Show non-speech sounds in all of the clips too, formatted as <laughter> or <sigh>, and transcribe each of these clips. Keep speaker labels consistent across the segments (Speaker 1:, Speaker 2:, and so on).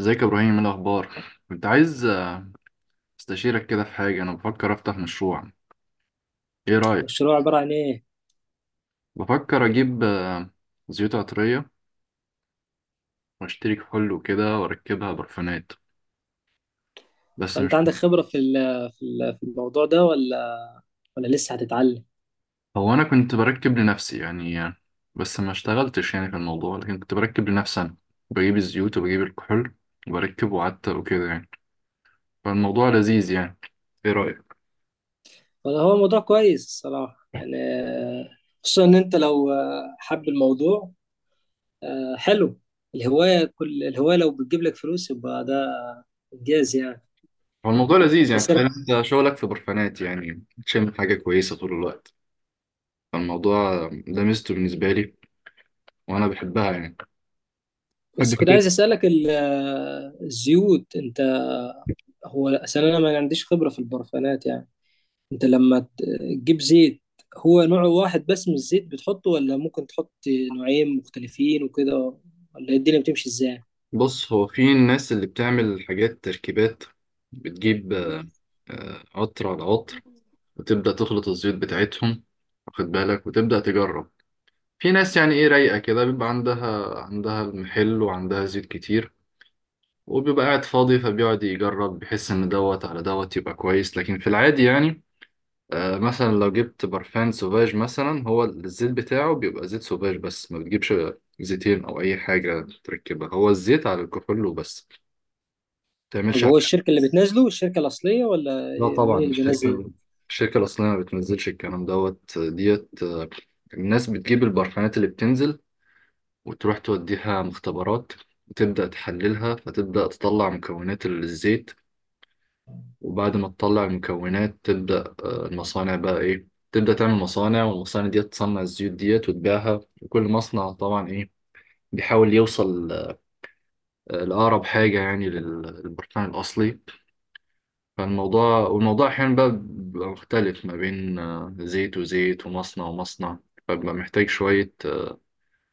Speaker 1: ازيك يا ابراهيم، ايه الاخبار؟ كنت عايز استشيرك كده في حاجه. انا بفكر افتح مشروع، ايه رايك؟
Speaker 2: مشروع عبارة عن إيه؟
Speaker 1: بفكر اجيب زيوت عطريه واشتري كحول وكده واركبها برفانات. بس
Speaker 2: فأنت
Speaker 1: مش
Speaker 2: عندك خبرة في الموضوع ده ولا لسه هتتعلم؟
Speaker 1: هو انا كنت بركب لنفسي يعني بس ما اشتغلتش يعني في الموضوع، لكن كنت بركب لنفسي انا. بجيب الزيوت وبجيب الكحول وبركب وعتق وكده يعني. فالموضوع لذيذ يعني، ايه رايك؟
Speaker 2: ولا هو موضوع كويس الصراحة يعني خصوصا إن أنت لو حب الموضوع، حلو. الهواية، كل الهواية، لو بتجيب لك فلوس يبقى ده إنجاز يعني.
Speaker 1: هو الموضوع لذيذ يعني،
Speaker 2: بس أنا-
Speaker 1: تخيل انت شغلك في برفانات يعني تشم حاجه كويسه طول الوقت. الموضوع ده ميزته بالنسبة لي، وأنا بحبها يعني، بحب
Speaker 2: بس كنت
Speaker 1: فكرة.
Speaker 2: عايز أسألك الزيوت، هو أصل أنا ما عنديش خبرة في البرفانات يعني. انت لما تجيب زيت، هو نوع واحد بس من الزيت بتحطه، ولا ممكن تحط نوعين مختلفين وكده، ولا الدنيا بتمشي ازاي؟
Speaker 1: بص، هو في الناس اللي بتعمل حاجات تركيبات. بتجيب عطر على عطر وتبدأ تخلط الزيوت بتاعتهم، واخد بالك، وتبدأ تجرب. في ناس يعني إيه رايقة كده، بيبقى عندها المحل وعندها زيوت كتير، وبيبقى قاعد فاضي فبيقعد يجرب، بيحس إن دوت على دوت يبقى كويس. لكن في العادي يعني مثلا لو جبت برفان سوفاج مثلا، هو الزيت بتاعه بيبقى زيت سوفاج. بس ما بتجيبش زيتين او اي حاجه تركبها، هو الزيت على الكحول وبس، ما
Speaker 2: طب
Speaker 1: بتعملش حاجه.
Speaker 2: هو الشركة اللي بتنزله الشركة الأصلية، ولا؟
Speaker 1: لا
Speaker 2: مين
Speaker 1: طبعا،
Speaker 2: اللي بينزل؟
Speaker 1: الشركه الاصليه ما بتنزلش الكلام دوت ديت. الناس بتجيب البرفانات اللي بتنزل وتروح توديها مختبرات وتبدا تحللها، فتبدا تطلع مكونات الزيت. وبعد ما تطلع المكونات تبدأ المصانع بقى إيه تبدأ تعمل مصانع، والمصانع دي تصنع الزيوت ديت وتبيعها. وكل مصنع طبعا إيه بيحاول يوصل لأقرب حاجة يعني للبركان الأصلي. والموضوع أحيانا بقى بيبقى مختلف ما بين زيت وزيت ومصنع ومصنع. فبيبقى محتاج شوية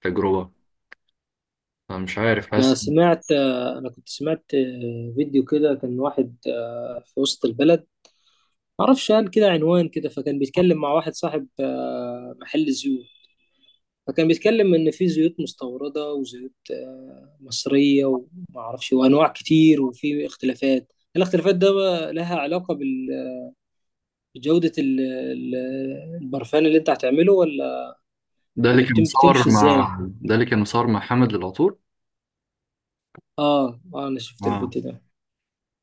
Speaker 1: تجربة. فمش عارف،
Speaker 2: أنا
Speaker 1: حاسس.
Speaker 2: سمعت أنا كنت سمعت فيديو كده كان واحد في وسط البلد، معرفش قال كده عنوان كده، فكان بيتكلم مع واحد صاحب محل زيوت. فكان بيتكلم ان في زيوت مستورده وزيوت مصريه، وما اعرفش، وانواع كتير، وفي الاختلافات ده بقى لها علاقه بجوده البرفان اللي انت هتعمله، ولا ولا بتمشي ازاي؟
Speaker 1: ده اللي كان مصور مع حمد للعطور.
Speaker 2: اه اه، انا شفت
Speaker 1: آه.
Speaker 2: الفيديو ده.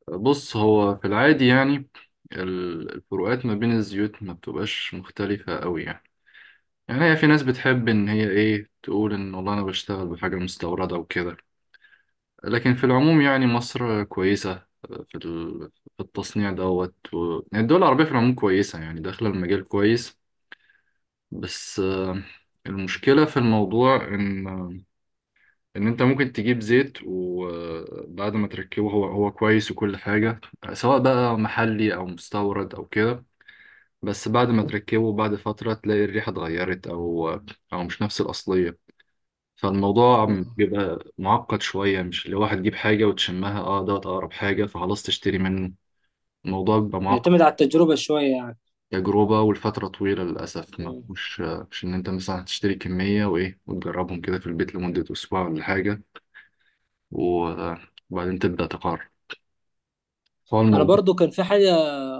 Speaker 1: بص، هو في العادي يعني الفروقات ما بين الزيوت ما بتبقاش مختلفة قوي يعني. يعني هي في ناس بتحب إن هي إيه تقول إن والله أنا بشتغل بحاجة مستوردة وكده. لكن في العموم يعني مصر كويسة في ال- في التصنيع دوت يعني الدول العربية في العموم كويسة، يعني داخلة المجال كويس. بس المشكلة في الموضوع إن أنت ممكن تجيب زيت، وبعد ما تركبه هو كويس وكل حاجة، سواء بقى محلي أو مستورد أو كده. بس بعد ما تركبه بعد فترة تلاقي الريحة اتغيرت، أو مش نفس الأصلية. فالموضوع
Speaker 2: مم.
Speaker 1: بيبقى معقد شوية، مش اللي واحد يجيب حاجة وتشمها دوت أقرب حاجة فخلاص تشتري منه. الموضوع بيبقى معقد.
Speaker 2: بيعتمد على التجربه شويه يعني.
Speaker 1: تجربة، والفترة طويلة للأسف. ما
Speaker 2: مم.
Speaker 1: مش مش إن أنت مثلا هتشتري كمية وإيه وتجربهم كده في البيت لمدة أسبوع ولا حاجة، و- وبعدين تبدأ تقرر. هو
Speaker 2: انا
Speaker 1: الموضوع.
Speaker 2: برضو كان في حاجه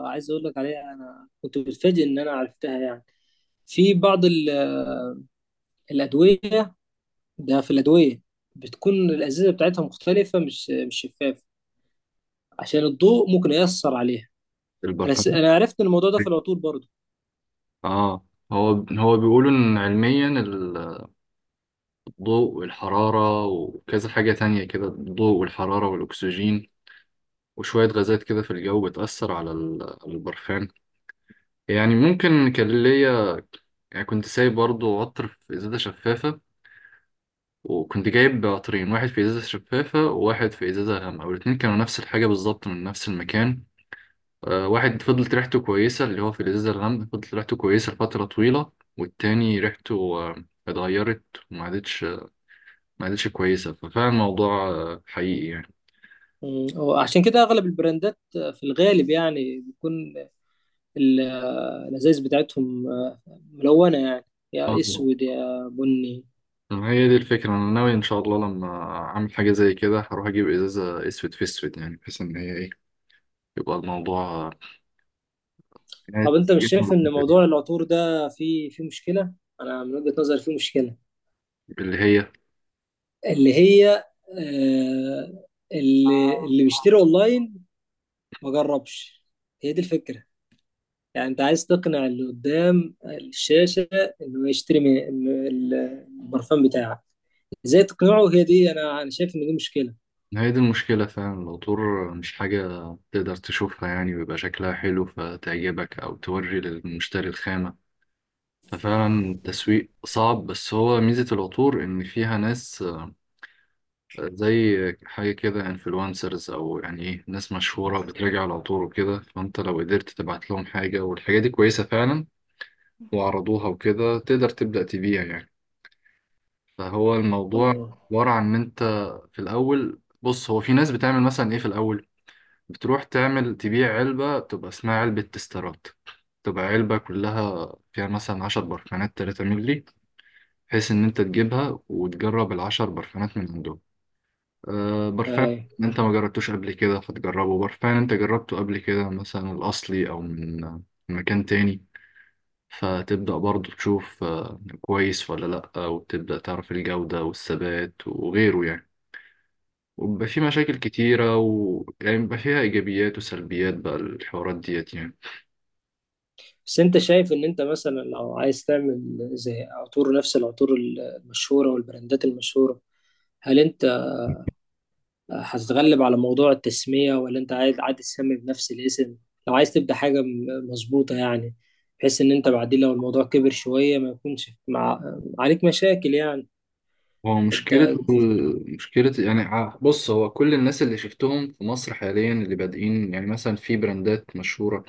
Speaker 2: عايز اقول لك عليها. انا كنت متفاجئ ان انا عرفتها يعني. في بعض الادويه، ده في الأدوية بتكون الأزازة بتاعتها مختلفة، مش شفافة، عشان الضوء ممكن يأثر عليها.
Speaker 1: البرفان.
Speaker 2: أنا عرفت إن الموضوع ده في العطور برضه.
Speaker 1: اه، هو هو بيقولوا ان علميا ضوء والحرارة وكذا حاجة تانية كده، الضوء والحرارة والأكسجين وشوية غازات كده في الجو بتأثر على البرفان. يعني ممكن كان ليا يعني، كنت سايب برضو عطر في إزازة شفافة. وكنت جايب عطرين، واحد في إزازة شفافة وواحد في إزازة غامقة، والاتنين كانوا نفس الحاجة بالظبط من نفس المكان. واحد فضلت ريحته كويسة، اللي هو في الإزازة الغامقة فضلت ريحته كويسة لفترة طويلة. والتاني ريحته اتغيرت، وما عادتش ما عادتش كويسة. ففعلا الموضوع حقيقي يعني.
Speaker 2: مم. هو عشان كده أغلب البراندات في الغالب يعني بيكون ال- الأزايز بتاعتهم ملونة يعني، يا
Speaker 1: آه.
Speaker 2: أسود يا بني.
Speaker 1: هي دي الفكرة، أنا ناوي إن شاء الله لما أعمل حاجة زي كده هروح أجيب إزازة أسود في أسود، يعني بحيث إن هي إيه يبقى الموضوع
Speaker 2: طب
Speaker 1: نهاية-
Speaker 2: أنت مش شايف إن موضوع العطور ده فيه مشكلة؟ أنا من وجهة نظري فيه مشكلة،
Speaker 1: اللي هي،
Speaker 2: اللي هي آه، اللي بيشتري أونلاين ما جربش. هي دي الفكرة، يعني انت عايز تقنع اللي قدام الشاشة انه يشتري من البرفان بتاعك، ازاي تقنعه؟ هي دي، انا شايف ان دي مشكلة.
Speaker 1: هي دي المشكلة فعلا. العطور مش حاجة تقدر تشوفها يعني ويبقى شكلها حلو فتعجبك أو توري للمشتري الخامة. ففعلا التسويق صعب، بس هو ميزة العطور إن فيها ناس زي حاجة كده انفلونسرز، أو يعني إيه ناس مشهورة بتراجع على طول وكده. فأنت لو قدرت تبعت لهم حاجة والحاجة دي كويسة فعلا وعرضوها وكده، تقدر تبدأ تبيع يعني. فهو الموضوع
Speaker 2: اه.
Speaker 1: عبارة عن إن أنت في الأول. بص، هو في ناس بتعمل مثلا إيه في الأول، بتروح تعمل تبيع علبة بتبقى اسمها علبة تسترات. تبقى علبة كلها فيها مثلا 10 برفانات 3 مللي، بحيث إن أنت تجيبها وتجرب العشر برفانات من عندهم. برفان
Speaker 2: أي.
Speaker 1: انت ما جربتوش قبل كده فتجربه، برفان انت جربته قبل كده مثلا الاصلي او من مكان تاني. فتبدأ برضو تشوف كويس ولا لأ، وتبدأ تعرف الجودة والثبات وغيره يعني. وبيبقى في مشاكل كتيرة و يعني بيبقى فيها إيجابيات وسلبيات بقى الحوارات ديت يعني.
Speaker 2: بس انت شايف ان انت مثلا لو عايز تعمل زي عطور، نفس العطور المشهورة والبراندات المشهورة، هل انت هتتغلب على موضوع التسمية، ولا انت عايز عادي تسمي بنفس الاسم؟ لو عايز تبدأ حاجة مظبوطة يعني، بحيث ان انت بعدين لو الموضوع كبر شوية ما يكونش عليك مشاكل يعني.
Speaker 1: هو
Speaker 2: انت
Speaker 1: مشكلة مشكلة يعني، بص هو كل الناس اللي شفتهم في مصر حاليا اللي بادئين يعني مثلا في براندات مشهورة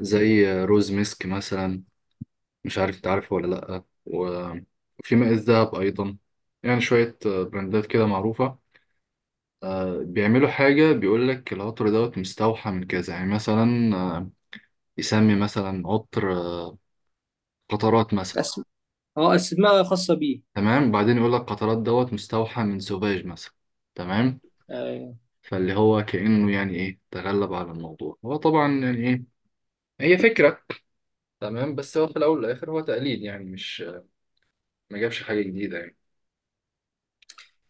Speaker 1: زي روز ميسك مثلا، مش عارف انت عارفه ولا لأ. وفي ماء الذهب أيضا. يعني شوية براندات كده معروفة. بيعملوا حاجة بيقول لك العطر دوت مستوحى من كذا، يعني مثلا يسمي مثلا عطر قطرات مثلا.
Speaker 2: اه، اسماء خاصة بيه.
Speaker 1: تمام، بعدين يقول لك قطرات دوت مستوحى من سوفاج مثلا، تمام.
Speaker 2: يعني
Speaker 1: فاللي هو كأنه يعني إيه تغلب على الموضوع، هو طبعا يعني إيه هي فكرة. تمام، بس هو في الأول والآخر هو تقليد يعني، مش ما جابش حاجة جديدة يعني.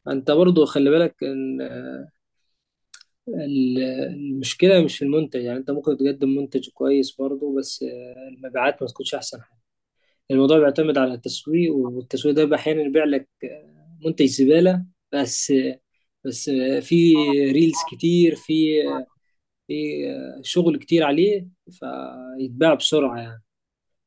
Speaker 2: انت برضو خلي بالك ان ال- المشكلة مش في المنتج، يعني انت ممكن تقدم منتج كويس برضو، بس المبيعات ما تكونش احسن حاجة. الموضوع بيعتمد على التسويق، والتسويق ده احيانا يبيع لك منتج زبالة. بس آه، بس في ريلز كتير، في شغل كتير عليه فيتباع بسرعة يعني.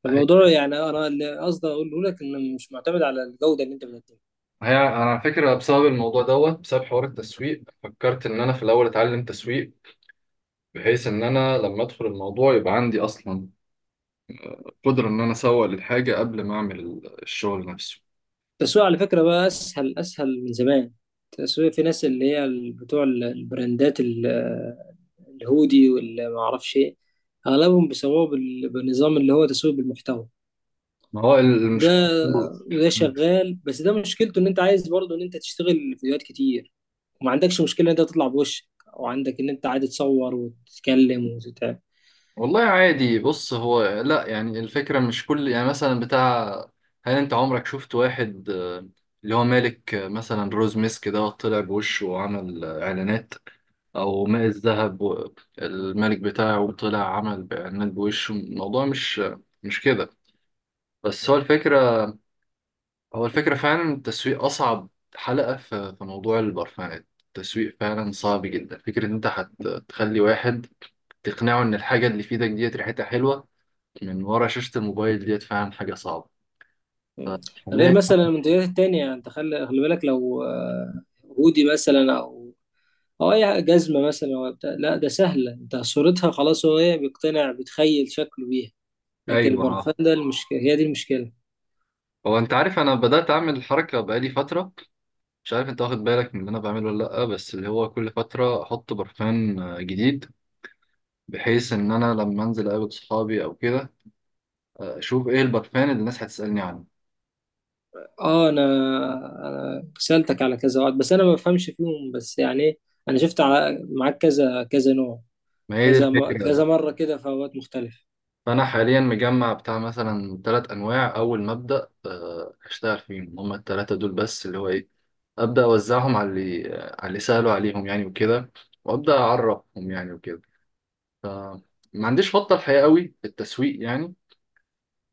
Speaker 2: فالموضوع يعني، انا اللي قصدي اقوله لك انه مش معتمد على الجودة اللي انت بتقدمها.
Speaker 1: هي انا على فكره بسبب الموضوع دوت، بسبب حوار التسويق، فكرت ان انا في الاول اتعلم تسويق، بحيث ان انا لما ادخل الموضوع يبقى عندي اصلا قدره ان انا اسوق للحاجه قبل ما اعمل الشغل نفسه.
Speaker 2: التسويق على فكرة بقى أسهل أسهل من زمان. التسويق، في ناس اللي هي بتوع البراندات الهودي واللي ما أعرفش إيه، أغلبهم بيسووه بالنظام اللي هو تسويق بالمحتوى.
Speaker 1: ما هو
Speaker 2: ده
Speaker 1: المشكله.
Speaker 2: وده شغال، بس ده مشكلته إن أنت عايز برضه إن أنت تشتغل فيديوهات كتير، وما عندكش مشكلة إن أنت تطلع بوشك، وعندك إن أنت عادي تصور وتتكلم وتتعب.
Speaker 1: والله عادي، بص هو لا يعني الفكرة مش كل يعني مثلا بتاع، هل انت عمرك شفت واحد اللي هو مالك مثلا روز ميسك ده طلع بوشه وعمل اعلانات، او ماء الذهب الملك بتاعه طلع عمل باعلانات بوشه؟ الموضوع مش كده. بس هو الفكرة، هو الفكرة فعلا التسويق اصعب حلقة في موضوع البرفانات. التسويق فعلا صعب جدا، فكرة ان انت هتخلي واحد تقنعه ان الحاجة اللي في ايدك ديت ريحتها حلوة من ورا شاشة الموبايل ديت فعلا حاجة صعبة.
Speaker 2: مم. غير
Speaker 1: فحاليا.
Speaker 2: مثلا المنتجات التانية، انت خلي خلي بالك، لو هودي مثلا، او اي جزمة مثلا ولا بتاع، لا ده سهلة، انت صورتها خلاص، هو هي بيقتنع، بيتخيل شكله بيها. لكن
Speaker 1: ايوه، ها.
Speaker 2: البرفان ده المشكلة، هي دي المشكلة.
Speaker 1: هو انت عارف انا بدأت اعمل الحركة بقالي فترة، مش عارف انت واخد بالك من اللي انا بعمله ولا لأ. بس اللي هو كل فترة احط برفان جديد، بحيث ان انا لما انزل اقابل صحابي او كده اشوف ايه البرفان اللي الناس هتسألني عنه.
Speaker 2: اه. انا سألتك على كذا واحد، بس انا ما بفهمش فيهم، بس يعني إيه، انا شفت معاك كذا كذا نوع،
Speaker 1: ما هي دي
Speaker 2: كذا كذا
Speaker 1: الفكرة.
Speaker 2: مرة كده في اوقات مختلفة.
Speaker 1: فأنا حاليا مجمع بتاع مثلا 3 أنواع، أول ما أبدأ أشتغل فيهم هما التلاتة دول، بس اللي هو إيه أبدأ أوزعهم على اللي سألوا عليهم يعني وكده، وأبدأ أعرفهم يعني وكده. فما عنديش خطة الحقيقة قوي في التسويق يعني.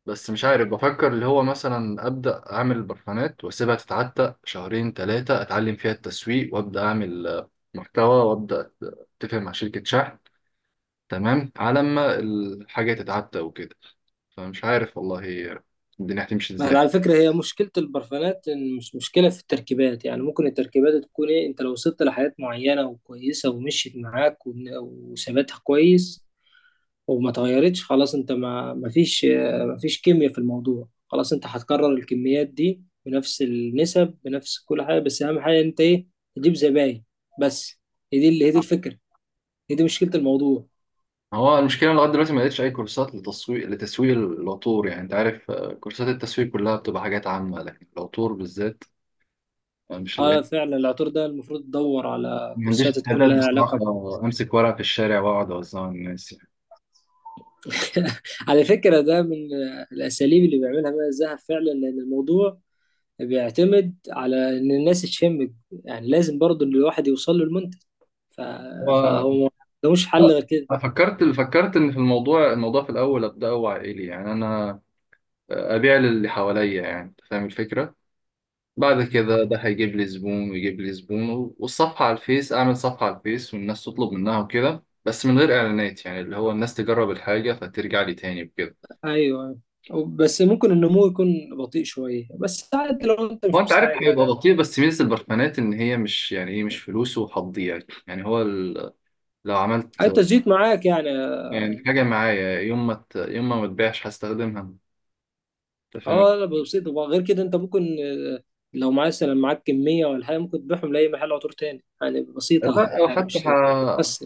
Speaker 1: بس مش عارف، بفكر اللي هو مثلا أبدأ أعمل برفانات وأسيبها تتعتق شهرين تلاتة، أتعلم فيها التسويق وأبدأ أعمل محتوى، وأبدأ أتفق مع شركة شحن، تمام على ما الحاجة تتعتق وكده. فمش عارف والله الدنيا هتمشي
Speaker 2: ما هي
Speaker 1: ازاي.
Speaker 2: على فكرة، هي مشكلة البرفانات، إن مش مشكلة في التركيبات، يعني ممكن التركيبات تكون إيه، أنت لو وصلت لحاجات معينة وكويسة ومشيت معاك، وثباتها كويس وما اتغيرتش، خلاص، أنت ما فيش كيمياء في الموضوع. خلاص أنت هتكرر الكميات دي بنفس النسب، بنفس كل حاجة، بس أهم حاجة أنت إيه، تجيب زباين بس. هي دي الفكرة، هي دي مشكلة الموضوع.
Speaker 1: هو المشكله لغايه دلوقتي ما لقيتش اي كورسات لتسويق العطور، يعني انت عارف كورسات التسويق كلها بتبقى حاجات عامه، لكن العطور بالذات مش
Speaker 2: اه
Speaker 1: لاقي.
Speaker 2: فعلا، العطور ده المفروض تدور على
Speaker 1: ما عنديش
Speaker 2: كورسات تكون
Speaker 1: استعداد
Speaker 2: لها
Speaker 1: بصراحه
Speaker 2: علاقة.
Speaker 1: امسك ورقه في الشارع واقعد اوزعها على الناس يعني.
Speaker 2: <laughs> على فكرة ده من الأساليب اللي بيعملها ماء الذهب فعلا، لأن الموضوع بيعتمد على إن الناس تشمك، يعني لازم برضو إن الواحد يوصل له المنتج. ف...
Speaker 1: هو
Speaker 2: فهو ما ملوش حل غير كده.
Speaker 1: أنا فكرت ان في الموضوع، الموضوع في الاول ابداه عائلي يعني. انا ابيع للي حواليا، يعني أنت فاهم الفكره. بعد كذا ده هيجيب لي زبون ويجيب لي زبون، والصفحة على الفيس أعمل صفحة على الفيس والناس تطلب منها وكده، بس من غير إعلانات، يعني اللي هو الناس تجرب الحاجة فترجع لي تاني وكده.
Speaker 2: أيوه. بس ممكن النمو يكون بطيء شوية، بس عادي لو أنت
Speaker 1: هو
Speaker 2: مش
Speaker 1: أنت عارف
Speaker 2: مستعجل
Speaker 1: هيبقى
Speaker 2: على.
Speaker 1: بطيء، بس ميزة البرفانات إن هي مش يعني إيه مش فلوس وهتضيع يعني، يعني لو عملت
Speaker 2: حتى الزيت معاك يعني.
Speaker 1: يعني حاجة معايا، يوم ما يوم ما متبيعش هستخدمها. أنت فاهم.
Speaker 2: اه، لا بسيط، وغير كده انت ممكن، لو معاك كمية ولا حاجة، ممكن تبيعهم لأي محل عطور تاني يعني، بسيطة
Speaker 1: لا، أو
Speaker 2: يعني،
Speaker 1: حتى
Speaker 2: مش بس.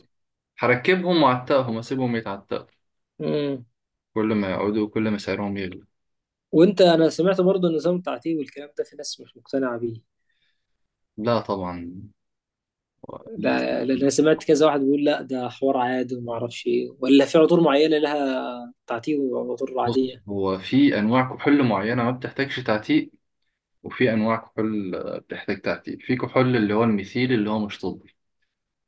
Speaker 1: هركبهم وأعتقهم، أسيبهم يتعتقوا، كل ما يقعدوا كل ما سعرهم يغلى.
Speaker 2: انا سمعت برضه النظام التعتيم والكلام ده، في ناس مش مقتنعه بيه.
Speaker 1: لا طبعا، لازم.
Speaker 2: لا، لأن انا سمعت كذا واحد بيقول لا ده حوار عادي وما اعرفش ايه، ولا في عطور معينه لها تعتيم وعطور
Speaker 1: بص،
Speaker 2: عاديه،
Speaker 1: هو في انواع كحول معينه ما بتحتاجش تعتيق، وفي انواع كحول بتحتاج تعتيق. في كحول اللي هو الميثيل اللي هو مش طبي،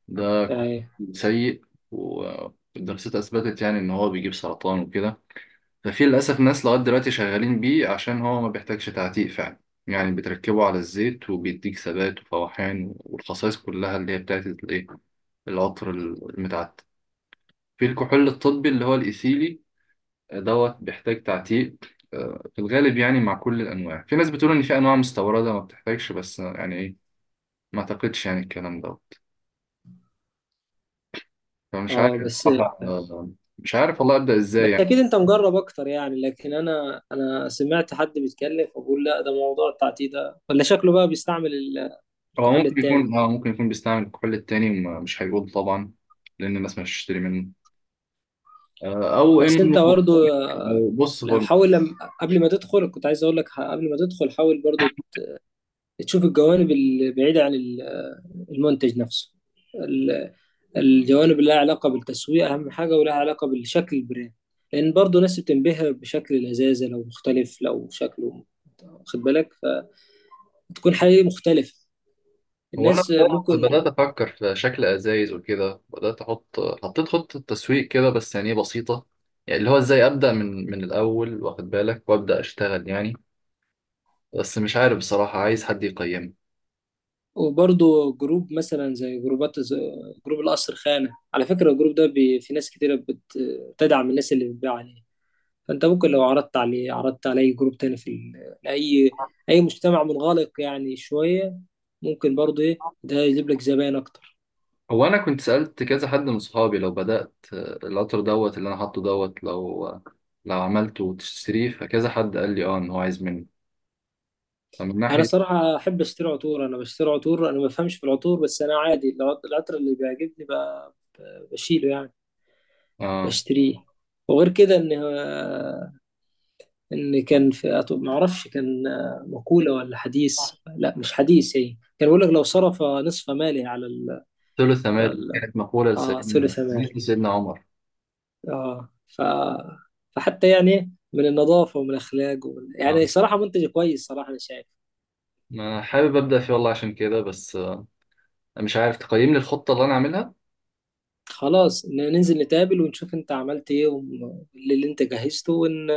Speaker 1: ده كحول
Speaker 2: يعني.
Speaker 1: سيء، والدراسات اثبتت يعني ان هو بيجيب سرطان وكده. ففي للاسف ناس لغايه دلوقتي شغالين بيه عشان هو ما بيحتاجش تعتيق فعلا، يعني بتركبه على الزيت وبيديك ثبات وفواحان والخصائص كلها اللي هي بتاعت الايه العطر المتعتق. في الكحول الطبي اللي هو الايثيلي دوت بيحتاج تعتيق. في الغالب يعني مع كل الأنواع. في ناس بتقول إن في أنواع مستوردة ما بتحتاجش، بس يعني إيه ما أعتقدش يعني الكلام دوت. فمش
Speaker 2: اه.
Speaker 1: عارف
Speaker 2: بس
Speaker 1: بصراحة مش عارف والله أبدأ إزاي
Speaker 2: بس اكيد
Speaker 1: يعني.
Speaker 2: انت مجرب اكتر يعني، لكن انا سمعت حد بيتكلم فبقول لا ده موضوع التعتيم ده، ولا شكله بقى بيستعمل
Speaker 1: هو
Speaker 2: الكحول
Speaker 1: ممكن
Speaker 2: التاني.
Speaker 1: يكون آه ممكن يكون بيستعمل الكحول التاني، مش هيقول طبعا لأن الناس مش هتشتري منه. أو
Speaker 2: بس
Speaker 1: إنه
Speaker 2: انت برضه، آه،
Speaker 1: أو بص
Speaker 2: لو
Speaker 1: هو.
Speaker 2: حاول لم... قبل ما تدخل كنت عايز اقول لك، قبل ما تدخل حاول برضه تشوف الجوانب البعيده عن المنتج نفسه، ال- الجوانب اللي لها علاقة بالتسويق أهم حاجة، ولها علاقة بالشكل، البراند، لأن برضه ناس بتنبهر بشكل الإزازة لو مختلف، لو شكله، واخد بالك، فتكون حقيقي مختلفة.
Speaker 1: هو انا
Speaker 2: الناس ممكن.
Speaker 1: بدأت افكر في شكل ازايز وكده، بدات احط حطيت خطه تسويق كده، بس يعني إيه بسيطه. يعني اللي هو ازاي ابدا من الاول، واخد بالك، وابدا اشتغل يعني. بس مش عارف بصراحه، عايز حد يقيمني.
Speaker 2: وبرضه جروب، مثلا زي جروبات زي جروب القصر خانة، على فكرة الجروب ده في ناس كتيرة بتدعم الناس اللي بتبيع عليه. فانت ممكن لو عرضت على اي جروب تاني، في ال- لاي اي مجتمع منغلق يعني شويه، ممكن برضه ايه ده يجيب لك زباين اكتر.
Speaker 1: هو انا كنت سالت كذا حد من صحابي لو بدات القطر دوت اللي انا حاطه دوت، لو عملته وتشتريه، فكذا حد قال لي اه ان هو عايز مني. فمن
Speaker 2: انا
Speaker 1: ناحيه.
Speaker 2: صراحه احب اشتري عطور، انا بشتري عطور، انا ما بفهمش في العطور، بس انا عادي العطر اللي بيعجبني بشيله يعني،
Speaker 1: اه،
Speaker 2: بشتريه. وغير كده، ان كان في ما اعرفش، كان مقوله ولا حديث، لا مش حديث، هي كان بيقول لك لو صرف نصف ماله على
Speaker 1: ثلث
Speaker 2: على
Speaker 1: مال دي
Speaker 2: ال...
Speaker 1: كانت مقوله
Speaker 2: آه ثلث ماله،
Speaker 1: لسيدنا عمر.
Speaker 2: اه. فحتى يعني من النظافة ومن الأخلاق يعني
Speaker 1: اه،
Speaker 2: صراحة منتج كويس، صراحة أنا شايف.
Speaker 1: ما حابب ابدا فيه والله عشان كده. بس مش عارف تقييم للخطة اللي أنا عاملها.
Speaker 2: خلاص، ننزل نتقابل ونشوف أنت عملت إيه واللي أنت جهزته،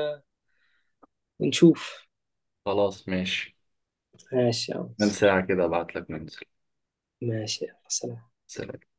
Speaker 2: ونشوف.
Speaker 1: خلاص، ماشي.
Speaker 2: ماشي يا
Speaker 1: من
Speaker 2: مصر.
Speaker 1: ساعة كده أبعت لك ننزل.
Speaker 2: ماشي يا سلام.
Speaker 1: سلام.